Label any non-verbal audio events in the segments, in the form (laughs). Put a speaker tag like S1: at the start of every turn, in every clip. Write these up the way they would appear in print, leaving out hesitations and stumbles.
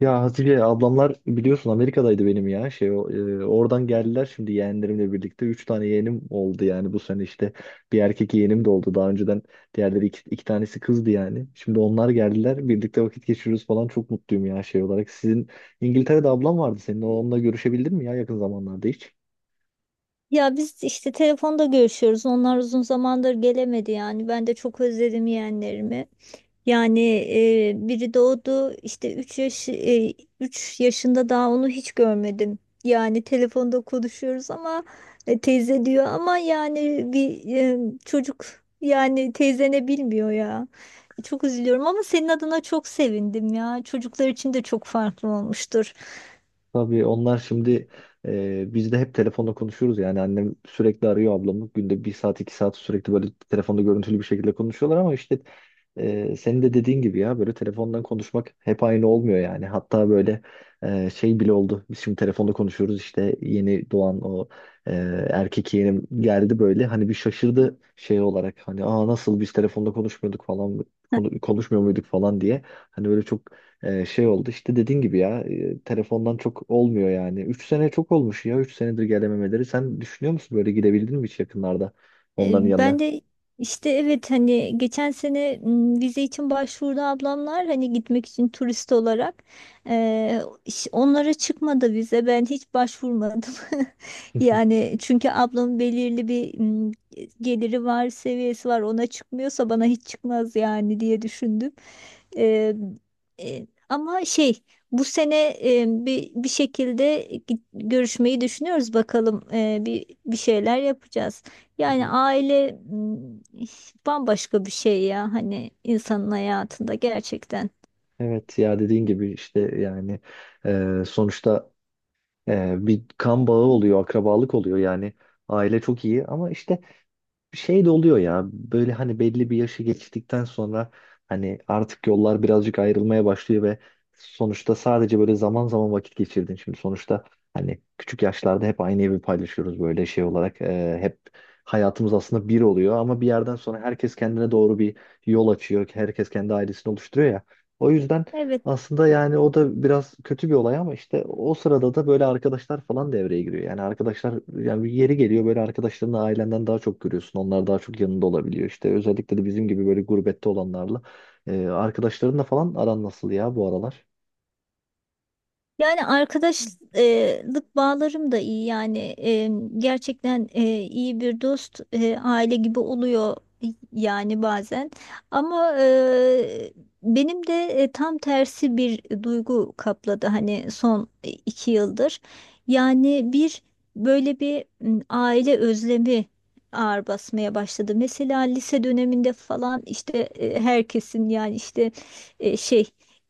S1: Ya Hatice ablamlar biliyorsun Amerika'daydı benim ya şey oradan geldiler. Şimdi yeğenlerimle birlikte 3 tane yeğenim oldu yani bu sene işte bir erkek yeğenim de oldu daha önceden. Diğerleri iki tanesi kızdı yani şimdi onlar geldiler, birlikte vakit geçiriyoruz falan, çok mutluyum ya. Şey olarak, sizin İngiltere'de ablam vardı, senin onunla görüşebildin mi ya yakın zamanlarda hiç?
S2: Ya biz işte telefonda görüşüyoruz. Onlar uzun zamandır gelemedi yani. Ben de çok özledim yeğenlerimi. Yani Biri doğdu işte 3 üç yaşında daha onu hiç görmedim. Yani telefonda konuşuyoruz ama teyze diyor ama çocuk yani teyzene bilmiyor ya. Çok üzülüyorum ama senin adına çok sevindim ya. Çocuklar için de çok farklı olmuştur.
S1: Tabii onlar şimdi biz de hep telefonla konuşuyoruz yani. Annem sürekli arıyor ablamı, günde 1 saat 2 saat, sürekli böyle telefonda görüntülü bir şekilde konuşuyorlar. Ama işte senin de dediğin gibi ya, böyle telefondan konuşmak hep aynı olmuyor yani. Hatta böyle şey bile oldu, biz şimdi telefonda konuşuyoruz işte, yeni doğan o e, erkek yeğenim geldi böyle, hani bir şaşırdı şey olarak, hani aa nasıl biz telefonda konuşmuyorduk falan konuşmuyor muyduk falan diye. Hani böyle çok şey oldu işte dediğin gibi ya, telefondan çok olmuyor yani. 3 sene çok olmuş ya, 3 senedir gelememeleri. Sen düşünüyor musun, böyle gidebildin mi hiç yakınlarda onların yanına?
S2: Ben de işte evet hani geçen sene, vize için başvurdu ablamlar hani gitmek için turist olarak. Onlara çıkmadı vize, ben hiç başvurmadım. (laughs)
S1: (laughs)
S2: Yani çünkü ablamın belirli bir geliri var, seviyesi var, ona çıkmıyorsa bana hiç çıkmaz yani diye düşündüm. E, ama bu sene bir şekilde görüşmeyi düşünüyoruz bakalım. Bir şeyler yapacağız. Yani aile bambaşka bir şey ya hani insanın hayatında gerçekten.
S1: Evet ya dediğin gibi işte yani sonuçta bir kan bağı oluyor, akrabalık oluyor yani. Aile çok iyi ama işte şey de oluyor ya, böyle hani belli bir yaşı geçtikten sonra hani artık yollar birazcık ayrılmaya başlıyor ve sonuçta sadece böyle zaman zaman vakit geçirdin. Şimdi sonuçta hani küçük yaşlarda hep aynı evi paylaşıyoruz böyle şey olarak. Hep hayatımız aslında bir oluyor ama bir yerden sonra herkes kendine doğru bir yol açıyor. Herkes kendi ailesini oluşturuyor ya. O yüzden
S2: Evet,
S1: aslında yani o da biraz kötü bir olay, ama işte o sırada da böyle arkadaşlar falan devreye giriyor. Yani arkadaşlar, yani bir yeri geliyor böyle, arkadaşlarını ailenden daha çok görüyorsun. Onlar daha çok yanında olabiliyor. İşte özellikle de bizim gibi böyle gurbette olanlarla. Arkadaşlarınla falan aran nasıl ya bu aralar?
S2: yani arkadaşlık bağlarım da iyi yani, gerçekten iyi bir dost, aile gibi oluyor yani bazen, ama benim de tam tersi bir duygu kapladı hani son iki yıldır. Yani bir böyle bir m, aile özlemi ağır basmaya başladı. Mesela lise döneminde falan işte herkesin yani işte e, şey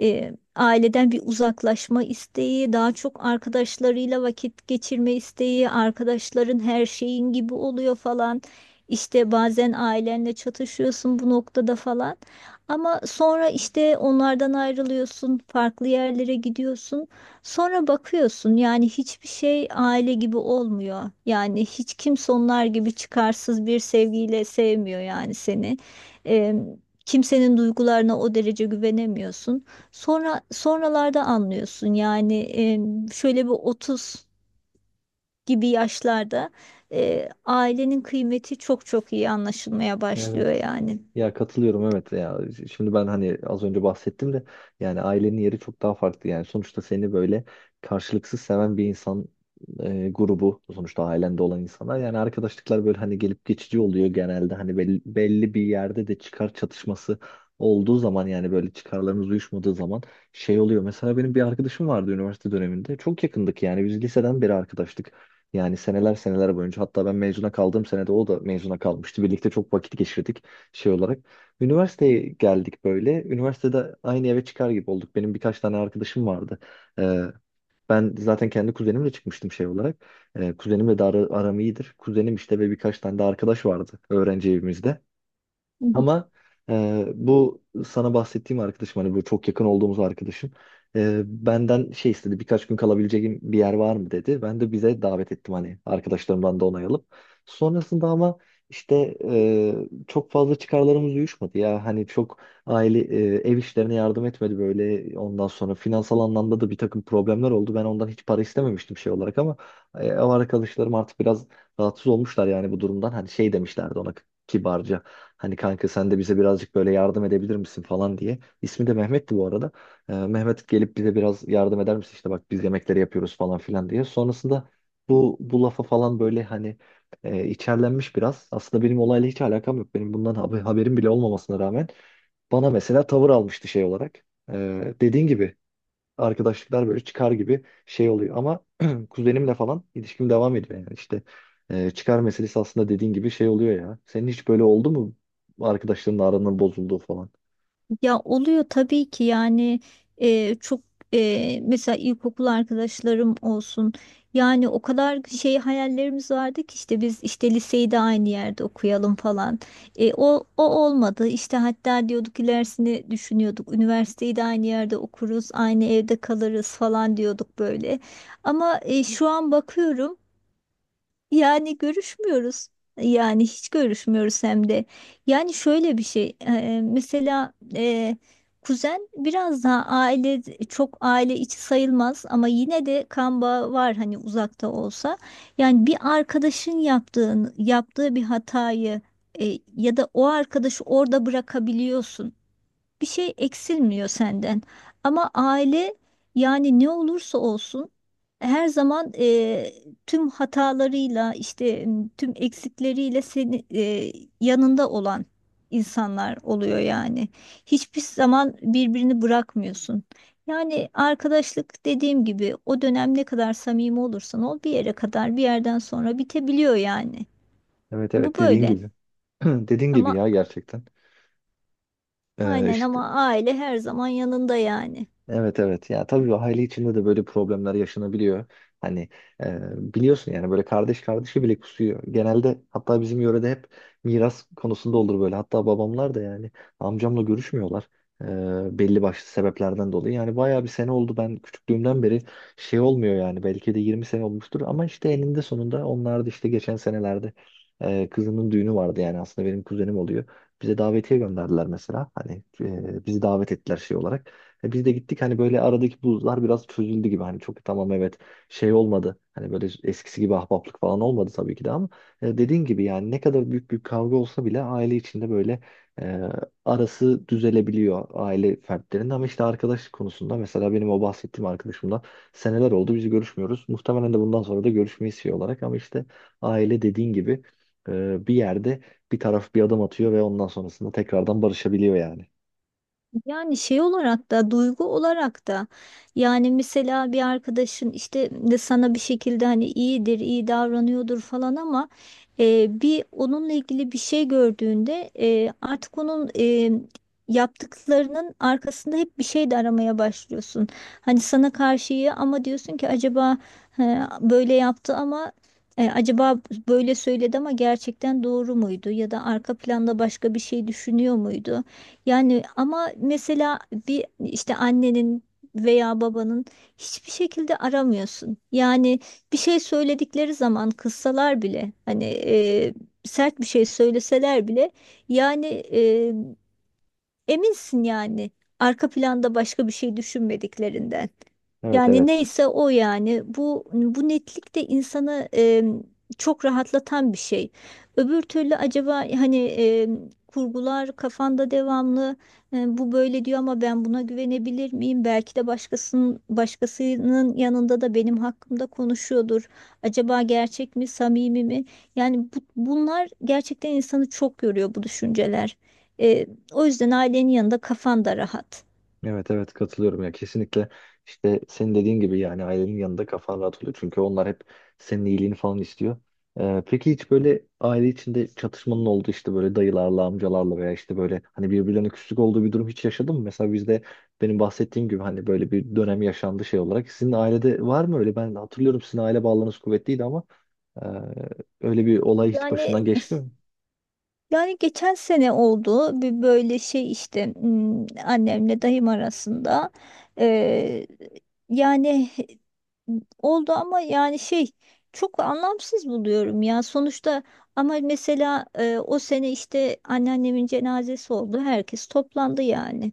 S2: e, aileden bir uzaklaşma isteği, daha çok arkadaşlarıyla vakit geçirme isteği, arkadaşların her şeyin gibi oluyor falan. İşte bazen ailenle çatışıyorsun bu noktada falan. Ama sonra işte onlardan ayrılıyorsun, farklı yerlere gidiyorsun. Sonra bakıyorsun yani hiçbir şey aile gibi olmuyor. Yani hiç kimse onlar gibi çıkarsız bir sevgiyle sevmiyor yani seni. Em, Kimsenin duygularına o derece güvenemiyorsun. Sonra sonralarda anlıyorsun yani şöyle bir 30 gibi yaşlarda ailenin kıymeti çok çok iyi anlaşılmaya başlıyor
S1: Evet.
S2: yani.
S1: Ya katılıyorum, evet ya. Şimdi ben hani az önce bahsettim de yani ailenin yeri çok daha farklı yani. Sonuçta seni böyle karşılıksız seven bir insan grubu, sonuçta ailende olan insanlar. Yani arkadaşlıklar böyle hani gelip geçici oluyor genelde, hani belli bir yerde de çıkar çatışması olduğu zaman, yani böyle çıkarlarımız uyuşmadığı zaman şey oluyor. Mesela benim bir arkadaşım vardı üniversite döneminde. Çok yakındık yani, biz liseden beri arkadaştık. Yani seneler seneler boyunca, hatta ben mezuna kaldığım senede o da mezuna kalmıştı. Birlikte çok vakit geçirdik şey olarak. Üniversiteye geldik böyle. Üniversitede aynı eve çıkar gibi olduk. Benim birkaç tane arkadaşım vardı. Ee, Ben zaten kendi kuzenimle çıkmıştım şey olarak. Kuzenimle de aram iyidir. Kuzenim işte, ve birkaç tane de arkadaş vardı öğrenci evimizde. Ama bu sana bahsettiğim arkadaşım, hani bu çok yakın olduğumuz arkadaşım, benden şey istedi, birkaç gün kalabileceğim bir yer var mı dedi. Ben de bize davet ettim, hani arkadaşlarımdan da onay alıp. Sonrasında ama işte çok fazla çıkarlarımız uyuşmadı ya, hani çok ev işlerine yardım etmedi böyle. Ondan sonra finansal anlamda da bir takım problemler oldu. Ben ondan hiç para istememiştim şey olarak, ama ev arkadaşlarım artık biraz rahatsız olmuşlar yani bu durumdan. Hani şey demişlerdi ona kibarca. Hani kanka sen de bize birazcık böyle yardım edebilir misin falan diye. İsmi de Mehmet'ti bu arada. Mehmet gelip bize biraz yardım eder misin, işte bak biz yemekleri yapıyoruz falan filan diye. Sonrasında bu lafa falan böyle hani içerlenmiş biraz. Aslında benim olayla hiç alakam yok. Benim bundan haberim bile olmamasına rağmen bana mesela tavır almıştı şey olarak. Dediğin gibi arkadaşlıklar böyle çıkar gibi şey oluyor. Ama (clears throat) kuzenimle falan ilişkim devam ediyor yani işte çıkar meselesi aslında dediğin gibi şey oluyor ya. Senin hiç böyle oldu mu, arkadaşlarınla aranın bozulduğu falan?
S2: Ya oluyor tabii ki yani e, çok mesela ilkokul arkadaşlarım olsun, yani o kadar şey hayallerimiz vardı ki işte biz işte liseyi de aynı yerde okuyalım falan. O olmadı işte, hatta diyorduk ilerisini düşünüyorduk üniversiteyi de aynı yerde okuruz aynı evde kalırız falan diyorduk böyle, ama şu an bakıyorum yani görüşmüyoruz. Yani hiç görüşmüyoruz hem de. Yani şöyle bir şey. Mesela kuzen biraz daha aile, çok aile içi sayılmaz ama yine de kan bağı var hani uzakta olsa. Yani bir arkadaşın yaptığı bir hatayı ya da o arkadaşı orada bırakabiliyorsun, bir şey eksilmiyor senden. Ama aile yani ne olursa olsun her zaman tüm hatalarıyla işte tüm eksikleriyle seni, yanında olan insanlar oluyor yani. Hiçbir zaman birbirini bırakmıyorsun. Yani arkadaşlık dediğim gibi o dönem ne kadar samimi olursan ol, bir yere kadar, bir yerden sonra bitebiliyor yani.
S1: Evet
S2: Bu
S1: evet, dediğin
S2: böyle.
S1: gibi. (clears throat) Dediğin gibi
S2: Ama
S1: ya, gerçekten.
S2: aynen,
S1: İşte
S2: ama aile her zaman yanında yani.
S1: Evet evet ya, tabii aile içinde de böyle problemler yaşanabiliyor. Hani e, biliyorsun yani böyle kardeş kardeşi bile kusuyor genelde. Hatta bizim yörede hep miras konusunda olur böyle. Hatta babamlar da yani amcamla görüşmüyorlar, belli başlı sebeplerden dolayı. Yani bayağı bir sene oldu, ben küçüklüğümden beri şey olmuyor yani, belki de 20 sene olmuştur. Ama işte eninde sonunda onlar da işte geçen senelerde kızının düğünü vardı, yani aslında benim kuzenim oluyor. Bize davetiye gönderdiler mesela. Hani bizi davet ettiler şey olarak. E, biz de gittik, hani böyle aradaki buzlar biraz çözüldü gibi, hani çok tamam evet şey olmadı, hani böyle eskisi gibi ahbaplık falan olmadı tabii ki de. Ama dediğin gibi yani ne kadar büyük bir kavga olsa bile aile içinde böyle e, arası düzelebiliyor aile fertlerinin. Ama işte arkadaş konusunda, mesela benim o bahsettiğim arkadaşımla seneler oldu, biz görüşmüyoruz. Muhtemelen de bundan sonra da görüşmeyi şey olarak. Ama işte aile dediğin gibi bir yerde bir taraf bir adım atıyor ve ondan sonrasında tekrardan barışabiliyor yani.
S2: Yani şey olarak da duygu olarak da yani mesela bir arkadaşın işte de sana bir şekilde hani iyidir, iyi davranıyordur falan ama bir onunla ilgili bir şey gördüğünde artık onun yaptıklarının arkasında hep bir şey de aramaya başlıyorsun. Hani sana karşı iyi ama diyorsun ki acaba böyle yaptı ama, acaba böyle söyledi ama gerçekten doğru muydu, ya da arka planda başka bir şey düşünüyor muydu? Yani ama mesela bir işte annenin veya babanın hiçbir şekilde aramıyorsun. Yani bir şey söyledikleri zaman kızsalar bile hani sert bir şey söyleseler bile yani e, eminsin yani arka planda başka bir şey düşünmediklerinden.
S1: Evet
S2: Yani
S1: evet.
S2: neyse o, yani bu bu netlik de insanı çok rahatlatan bir şey. Öbür türlü acaba hani kurgular kafanda devamlı, bu böyle diyor ama ben buna güvenebilir miyim? Belki de başkasının, başkasının yanında da benim hakkımda konuşuyordur. Acaba gerçek mi, samimi mi? Yani bunlar gerçekten insanı çok yoruyor bu düşünceler. O yüzden ailenin yanında kafan da rahat.
S1: Evet evet, katılıyorum ya kesinlikle. İşte senin dediğin gibi yani ailenin yanında kafan rahat oluyor çünkü onlar hep senin iyiliğini falan istiyor. Peki hiç böyle aile içinde çatışmanın olduğu, işte böyle dayılarla amcalarla veya işte böyle hani birbirlerine küslük olduğu bir durum hiç yaşadın mı? Mesela bizde benim bahsettiğim gibi hani böyle bir dönem yaşandı şey olarak. Sizin ailede var mı öyle? Ben hatırlıyorum sizin aile bağlarınız kuvvetliydi, ama e, öyle bir olay hiç
S2: Yani,
S1: başından geçti mi?
S2: yani geçen sene oldu bir böyle şey işte, hmm, annemle dayım arasında. Ee, yani Oldu ama yani şey, çok anlamsız buluyorum ya. Sonuçta ama mesela o sene işte anneannemin cenazesi oldu. Herkes toplandı yani.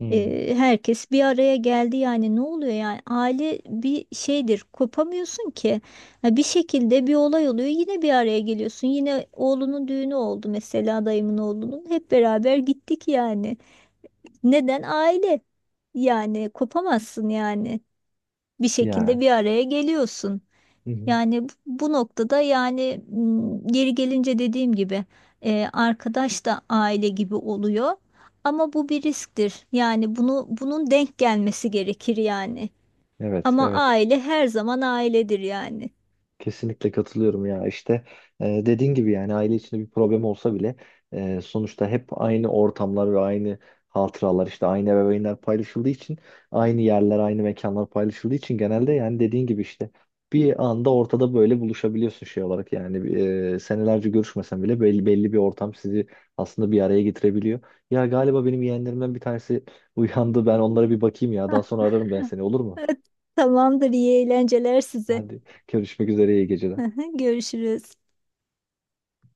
S1: Hmm.
S2: Herkes bir araya geldi. Yani ne oluyor yani, aile bir şeydir, kopamıyorsun ki. Ha, bir şekilde bir olay oluyor, yine bir araya geliyorsun, yine oğlunun düğünü oldu mesela, dayımın oğlunun, hep beraber gittik yani. Neden aile, yani kopamazsın yani, bir
S1: Ya.
S2: şekilde bir araya geliyorsun.
S1: Hı hı.
S2: Yani bu bu noktada, geri gelince dediğim gibi arkadaş da aile gibi oluyor. Ama bu bir risktir. Yani bunu, bunun denk gelmesi gerekir yani.
S1: Evet
S2: Ama
S1: evet.
S2: aile her zaman ailedir yani.
S1: Kesinlikle katılıyorum ya, işte dediğin gibi yani aile içinde bir problem olsa bile sonuçta hep aynı ortamlar ve aynı hatıralar, işte aynı ebeveynler paylaşıldığı için, aynı yerler aynı mekanlar paylaşıldığı için genelde yani dediğin gibi işte bir anda ortada böyle buluşabiliyorsun şey olarak. Yani senelerce görüşmesen bile belli bir ortam sizi aslında bir araya getirebiliyor. Ya galiba benim yeğenlerimden bir tanesi uyandı, ben onlara bir bakayım, ya daha sonra ararım ben seni, olur mu?
S2: (laughs) Tamamdır, iyi eğlenceler size.
S1: Hadi, görüşmek üzere, iyi geceler.
S2: (laughs) Görüşürüz.